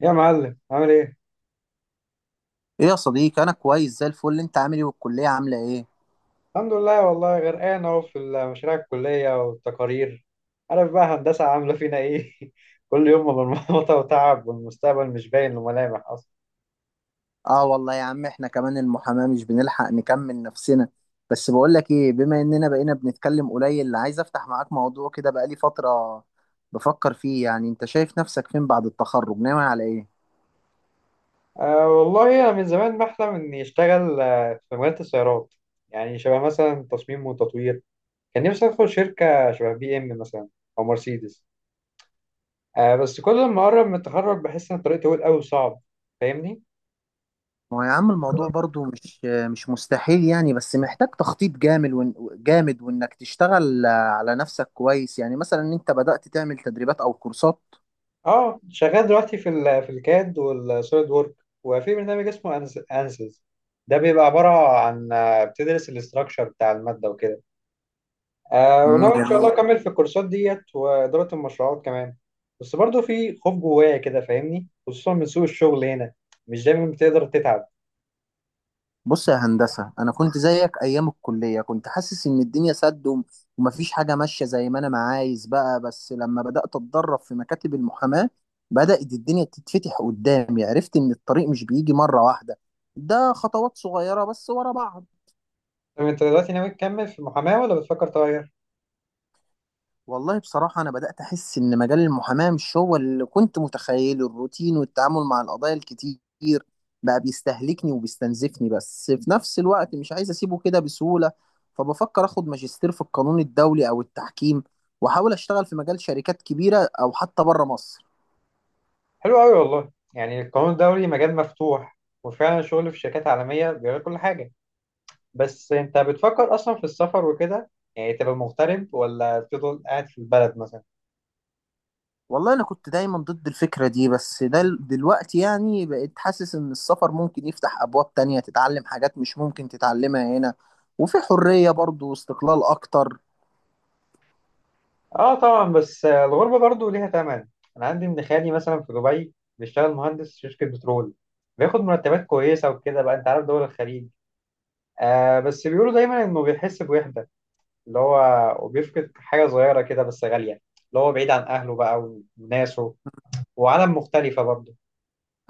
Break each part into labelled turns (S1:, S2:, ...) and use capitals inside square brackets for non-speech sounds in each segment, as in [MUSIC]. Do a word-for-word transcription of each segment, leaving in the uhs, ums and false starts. S1: يا معلم عامل ايه؟
S2: ايه يا صديقي، انا كويس زي الفل. انت عامل ايه والكليه عامله ايه؟
S1: الحمد لله، والله غرقان اهو في مشاريع الكلية والتقارير. عارف بقى هندسة عاملة فينا ايه؟ [LAUGHS] كل يوم مرمطة وتعب، والمستقبل مش باين له ملامح اصلا.
S2: اه والله يا عم، احنا كمان المحاماه مش بنلحق نكمل نفسنا. بس بقول لك ايه، بما اننا بقينا بنتكلم قليل، عايز افتح معاك موضوع كده بقالي فتره بفكر فيه. يعني انت شايف نفسك فين بعد التخرج؟ ناوي على ايه؟
S1: أه والله انا من زمان بحلم اني اشتغل آه، في مجال السيارات، يعني شبه مثلا تصميم وتطوير. كان نفسي ادخل شركة شبه بي ام مثلا او مرسيدس. أه بس كل ما اقرب من التخرج بحس ان الطريق طويل قوي وصعب. فاهمني؟
S2: ما هو يا عم الموضوع برضو مش مش مستحيل يعني، بس محتاج تخطيط جامد وإن- جامد، وانك تشتغل على نفسك كويس. يعني مثلا انت بدأت تعمل تدريبات او كورسات؟
S1: اه، شغال دلوقتي في ال في الكاد والسوليد وورك، وفي برنامج اسمه أنز- انسز. ده بيبقى عبارة عن آه، بتدرس الاستراكشر بتاع المادة وكده. آه،
S2: امم
S1: وناوي ان شاء
S2: جميل.
S1: الله اكمل في الكورسات ديت وإدارة المشروعات كمان. بس برضو في خوف جوايا كده، فاهمني؟ خصوصا من سوق الشغل هنا، مش دايما بتقدر تتعب.
S2: بص يا هندسة، أنا كنت زيك أيام الكلية، كنت حاسس إن الدنيا سد، وم- ومفيش حاجة ماشية زي ما أنا ما عايز بقى. بس لما بدأت أتدرب في مكاتب المحاماة، بدأت الدنيا تتفتح قدامي. عرفت إن الطريق مش بيجي مرة واحدة، ده خطوات صغيرة بس ورا بعض.
S1: طب انت دلوقتي ناوي تكمل في المحاماة ولا بتفكر تغير؟
S2: والله بصراحة أنا بدأت أحس إن مجال المحاماة مش هو اللي كنت متخيله. الروتين والتعامل مع القضايا الكتير بقى بيستهلكني وبيستنزفني، بس في نفس الوقت مش عايز أسيبه كده بسهولة. فبفكر أخد ماجستير في القانون الدولي أو التحكيم، وأحاول أشتغل في مجال شركات كبيرة أو حتى بره مصر.
S1: حلو قوي والله، يعني القانون الدولي مجال مفتوح، وفعلا الشغل في شركات عالمية بيغير كل حاجة. بس انت بتفكر اصلا في السفر وكده؟ يعني تبقى مغترب ولا تفضل قاعد في البلد مثلا؟
S2: والله أنا كنت دايما ضد الفكرة دي، بس ده دلوقتي يعني بقيت حاسس إن السفر ممكن يفتح أبواب تانية، تتعلم حاجات مش ممكن تتعلمها هنا. وفي حرية برضه واستقلال أكتر.
S1: اه طبعا، بس آه، الغربه برضو ليها ثمن. انا عندي ابن خالي مثلا في دبي بيشتغل مهندس في شركه بترول، بياخد مرتبات كويسه وكده، بقى انت عارف دول الخليج. آه، بس بيقولوا دايما انه بيحس بوحده، اللي هو وبيفقد حاجه صغيره كده بس غاليه، اللي هو بعيد عن اهله بقى وناسه، وعالم مختلفه برضه.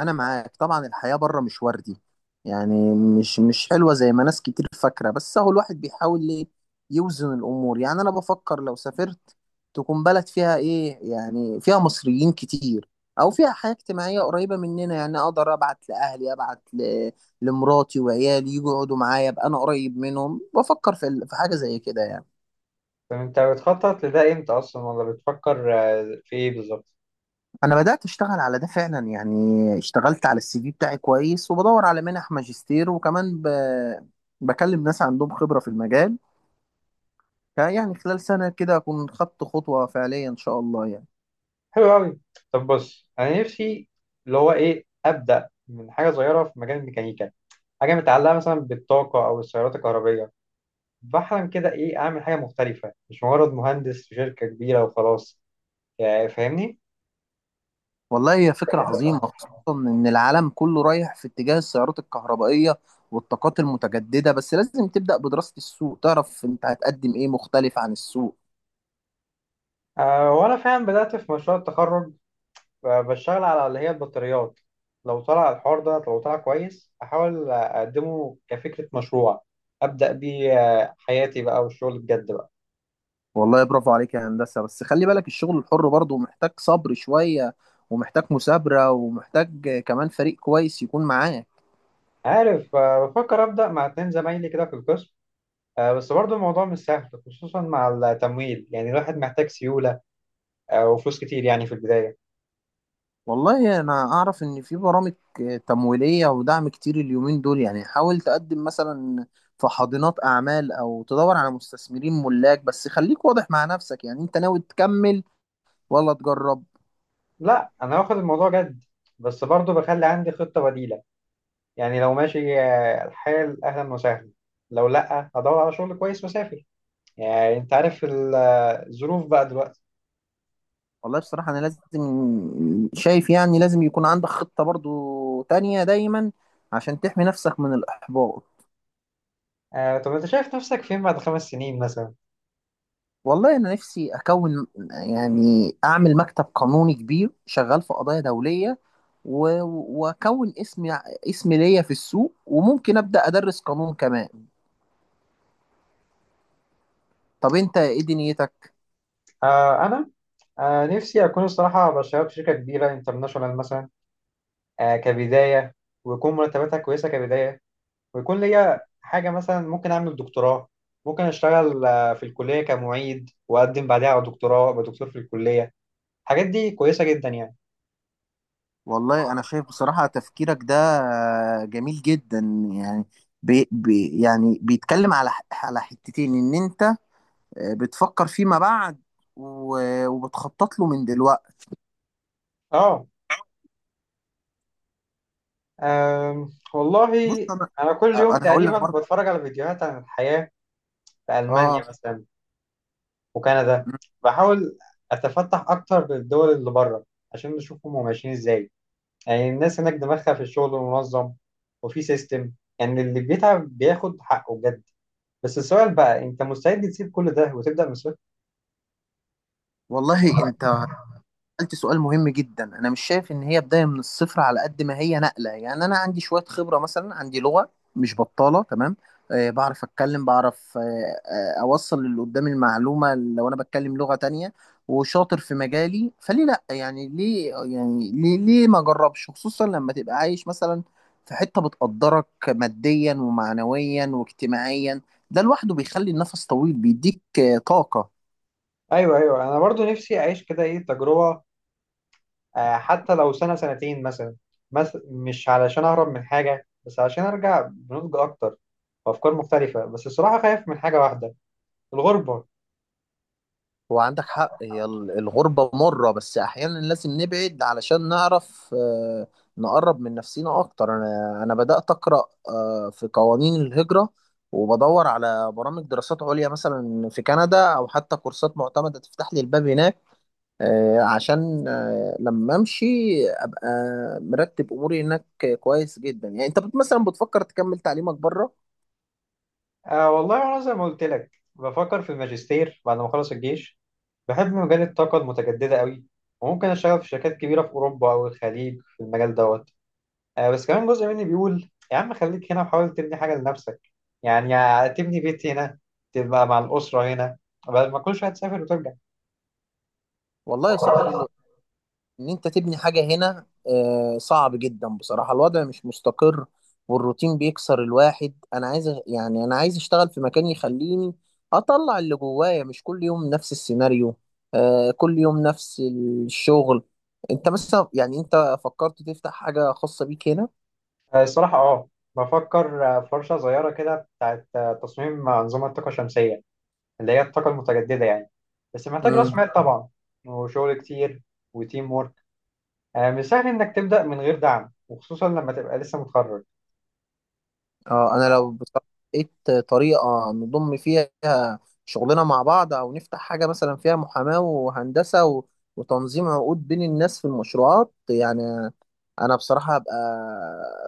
S2: انا معاك طبعا، الحياة بره مش وردي. يعني مش مش حلوة زي ما ناس كتير فاكرة، بس هو الواحد بيحاول ليه يوزن الامور. يعني انا بفكر لو سافرت، تكون بلد فيها ايه، يعني فيها مصريين كتير او فيها حياة اجتماعية قريبة مننا، يعني اقدر ابعت لاهلي، ابعت ل... لمراتي وعيالي يجوا يقعدوا معايا، ابقى انا قريب منهم. بفكر في ال- في حاجة زي كده يعني.
S1: فانت بتخطط لده امتى اصلا؟ ولا بتفكر آه، في ايه بالظبط؟
S2: انا بدات اشتغل على ده فعلا يعني. اشتغلت على السي في بتاعي كويس، وبدور على منح ماجستير، وكمان ب... بكلم ناس عندهم خبره في المجال. يعني خلال سنه كده اكون خدت خطوه فعليه ان شاء الله يعني.
S1: حلو قوي. طب بص انا نفسي اللي هو ايه، ابدا من حاجه صغيره في مجال الميكانيكا، حاجه متعلقه مثلا بالطاقه او السيارات الكهربيه. بحلم كده ايه، اعمل حاجه مختلفه مش مجرد مهندس في شركه كبيره وخلاص، يعني فاهمني؟
S2: والله هي فكره عظيمه، خصوصا ان العالم كله رايح في اتجاه السيارات الكهربائيه والطاقات المتجدده. بس لازم تبدا بدراسه السوق، تعرف انت هتقدم ايه مختلف عن السوق.
S1: آه، وانا فعلا بدات في مشروع التخرج، آه، بشتغل على اللي هي البطاريات. لو طلع الحوار ده لو طلع كويس، احاول اقدمه كفكره مشروع ابدا بيه، آه، حياتي بقى والشغل بجد بقى.
S2: والله برافو عليك يا هندسة، بس خلي بالك الشغل الحر برضه محتاج صبر شوية، ومحتاج مثابرة، ومحتاج كمان فريق كويس يكون معاه.
S1: عارف، آه، بفكر أبدأ مع اتنين زمايلي كده في القسم. آه، بس برضه الموضوع مش سهل، خصوصا مع التمويل، يعني الواحد محتاج سيولة، آه، وفلوس كتير يعني في البداية.
S2: والله أنا أعرف إن في برامج تمويلية ودعم كتير اليومين دول. يعني حاول تقدم مثلا في حاضنات أعمال، أو تدور على مستثمرين ملاك. بس خليك واضح مع نفسك، يعني أنت ناوي تكمل ولا تجرب؟
S1: لا أنا واخد الموضوع جد، بس برضه بخلي عندي خطة بديلة، يعني لو ماشي آه، الحال أهلا وسهلا، لو لأ هدور على شغل كويس وأسافر، يعني أنت عارف ال- آه، الظروف بقى دلوقتي.
S2: والله بصراحة أنا لازم شايف، يعني لازم يكون عندك خطة برضه تانية دايما، عشان تحمي نفسك من الإحباط.
S1: آه، طب أنت شايف نفسك فين بعد خمس سنين مثلا؟
S2: والله انا نفسي اكون، يعني اعمل مكتب قانوني كبير شغال في قضايا دوليه، و- واكون اسم اسم ليا في السوق، وممكن ابدا ادرس قانون كمان. طب انت ايه دنيتك؟
S1: آه، أنا آه، نفسي أكون الصراحة بشتغل في شركة كبيرة انترناشونال مثلا، آه، كبداية، ويكون مرتباتها كويسة كبداية، ويكون ليا حاجة، مثلا ممكن أعمل دكتوراه، ممكن أشتغل آه، في الكلية كمعيد وأقدم بعدها على دكتوراه أبقى دكتور في الكلية. الحاجات دي كويسة جدا يعني.
S2: والله انا شايف بصراحه تفكيرك ده جميل جدا. يعني بي بي يعني بيتكلم على ح- على حتتين، ان انت بتفكر فيما بعد، و- وبتخطط له من دلوقتي.
S1: آه. آم، والله
S2: بص انا
S1: أنا كل يوم
S2: انا هقول
S1: تقريبا
S2: لك برضه.
S1: بتفرج على فيديوهات عن الحياة في
S2: اه
S1: ألمانيا مثلا وكندا. بحاول أتفتح أكتر للدول اللي بره عشان نشوفهم هم ماشيين إزاي. يعني الناس هناك دماغها في الشغل منظم وفي سيستم، يعني اللي بيتعب بياخد حقه بجد. بس السؤال بقى، انت مستعد تسيب كل ده وتبدأ من الصفر؟
S2: والله انت سألت سؤال مهم جدا. أنا مش شايف إن هي بداية من الصفر على قد ما هي نقلة. يعني أنا عندي شوية خبرة، مثلا عندي لغة مش بطالة، تمام؟ آه، بعرف أتكلم، بعرف آه آه أوصل للي قدامي المعلومة. لو أنا بتكلم لغة تانية وشاطر في مجالي فليه لأ؟ يعني ليه يعني ليه ليه ما أجربش، خصوصا لما تبقى عايش مثلا في حتة بتقدرك ماديا ومعنويا واجتماعيا. ده لوحده بيخلي النفس طويل، بيديك آه، طاقة.
S1: ايوه ايوه، انا برضو نفسي اعيش كده ايه، تجربة، آه، حتى لو سنة سنتين مثلا، بس مش علشان اهرب من حاجة، بس علشان ارجع بنضج اكتر وافكار مختلفة. بس الصراحة خايف من حاجة واحدة، الغربة.
S2: هو عندك حق، هي ال- الغربة مرة، بس أحيانا لازم نبعد علشان نعرف، آه، نقرب من نفسينا أكتر. أنا أنا بدأت أقرأ آه، في قوانين الهجرة، وبدور على برامج دراسات عليا مثلا في كندا، أو حتى كورسات معتمدة تفتح لي الباب هناك، آه، عشان آه، لما أمشي أبقى مرتب أموري هناك. كويس جدا. يعني أنت بت- مثلا بتفكر تكمل تعليمك بره؟
S1: آه والله انا زي ما قلت لك بفكر في الماجستير بعد ما اخلص الجيش. بحب مجال الطاقة المتجددة قوي، وممكن أشتغل في شركات كبيرة في أوروبا أو الخليج في المجال دوت. آه، بس كمان جزء مني بيقول يا عم خليك هنا وحاول تبني حاجة لنفسك، يعني يا تبني بيت هنا تبقى مع الأسرة هنا بدل ما كل شوية تسافر وترجع.
S2: والله يا صاحبي ان انت تبني حاجة هنا آه، صعب جدا بصراحة. الوضع مش مستقر، والروتين بيكسر الواحد. انا عايز أ- يعني انا عايز اشتغل في مكان يخليني اطلع اللي جوايا، مش كل يوم نفس السيناريو، آه، كل يوم نفس الشغل. انت مثلا يعني انت فكرت تفتح حاجة خاصة بيك
S1: آه، الصراحة أه، بفكر آه، في ورشة صغيرة كده بتاعت آه، تصميم أنظمة طاقة شمسية، اللي هي الطاقة المتجددة يعني. بس محتاج رأس
S2: هنا؟
S1: مال طبعا، وشغل كتير، وتيم وورك. آه، مش سهل إنك تبدأ من غير دعم، وخصوصا لما تبقى لسه متخرج.
S2: اه، انا لو بصراحة لقيت طريقة نضم فيها شغلنا مع بعض، او نفتح حاجة مثلا فيها محاماة وهندسة و- وتنظيم عقود بين الناس في المشروعات يعني. انا بصراحة هبقى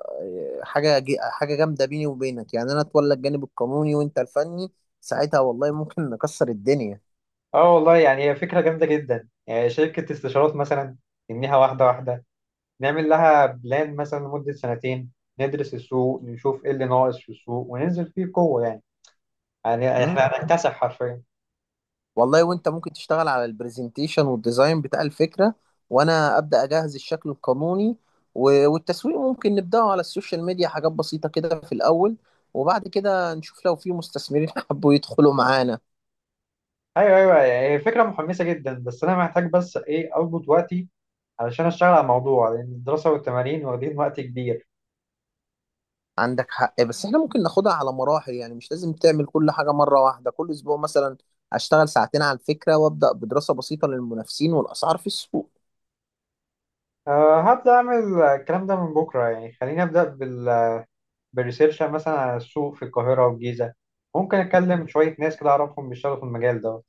S2: آه، حاجة جي- حاجة جامدة. بيني وبينك يعني انا اتولى الجانب القانوني وانت الفني، ساعتها والله ممكن نكسر الدنيا.
S1: اه والله يعني هي فكرة جامدة جدا، يعني شركة استشارات مثلا، نبنيها واحدة واحدة، نعمل لها بلان مثلا لمدة سنتين، ندرس السوق نشوف ايه اللي ناقص في السوق وننزل فيه بقوة، يعني يعني احنا هنكتسح حرفيا.
S2: والله وانت ممكن تشتغل على البرزنتيشن والديزاين بتاع الفكرة، وانا ابدا اجهز الشكل القانوني، و- والتسويق ممكن نبداه على السوشيال ميديا، حاجات بسيطة كده في الاول. وبعد كده نشوف لو في مستثمرين [LAUGHS] حبوا يدخلوا معانا.
S1: ايوه ايوه، يعني هي فكرة محمسة جدا، بس انا محتاج بس ايه، اظبط وقتي علشان اشتغل على الموضوع، لان الدراسة والتمارين واخدين وقت كبير.
S2: عندك حق، بس احنا ممكن ناخدها على مراحل، يعني مش لازم تعمل كل حاجة مرة واحدة. كل اسبوع مثلا اشتغل ساعتين على الفكرة، وابدا بدراسة بسيطة للمنافسين والاسعار في السوق.
S1: أه هبدأ أعمل الكلام ده من بكرة، يعني خليني أبدأ بال... بالريسيرش مثلا على السوق في القاهرة والجيزة، ممكن أتكلم شوية ناس كده أعرفهم بيشتغلوا في المجال ده.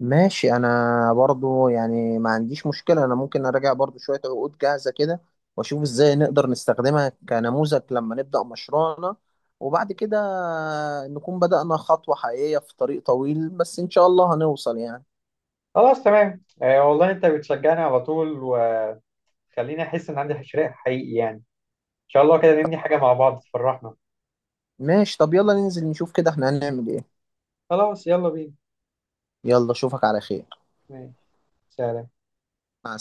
S2: ماشي، انا برضو يعني ما عنديش مشكلة، انا ممكن اراجع برضو شوية عقود جاهزة كده، واشوف ازاي نقدر نستخدمها كنموذج لما نبدأ مشروعنا. وبعد كده نكون بدأنا خطوة حقيقية في طريق طويل، بس ان شاء الله هنوصل يعني.
S1: خلاص تمام. آه والله انت بتشجعني على طول، وخليني احس ان عندي حشرية حقيقي، يعني ان شاء الله كده نبني حاجة مع بعض تفرحنا.
S2: ماشي، طب يلا ننزل نشوف كده احنا هنعمل ايه.
S1: خلاص يلا بينا.
S2: يلا اشوفك على خير.
S1: ماشي، سلام.
S2: مع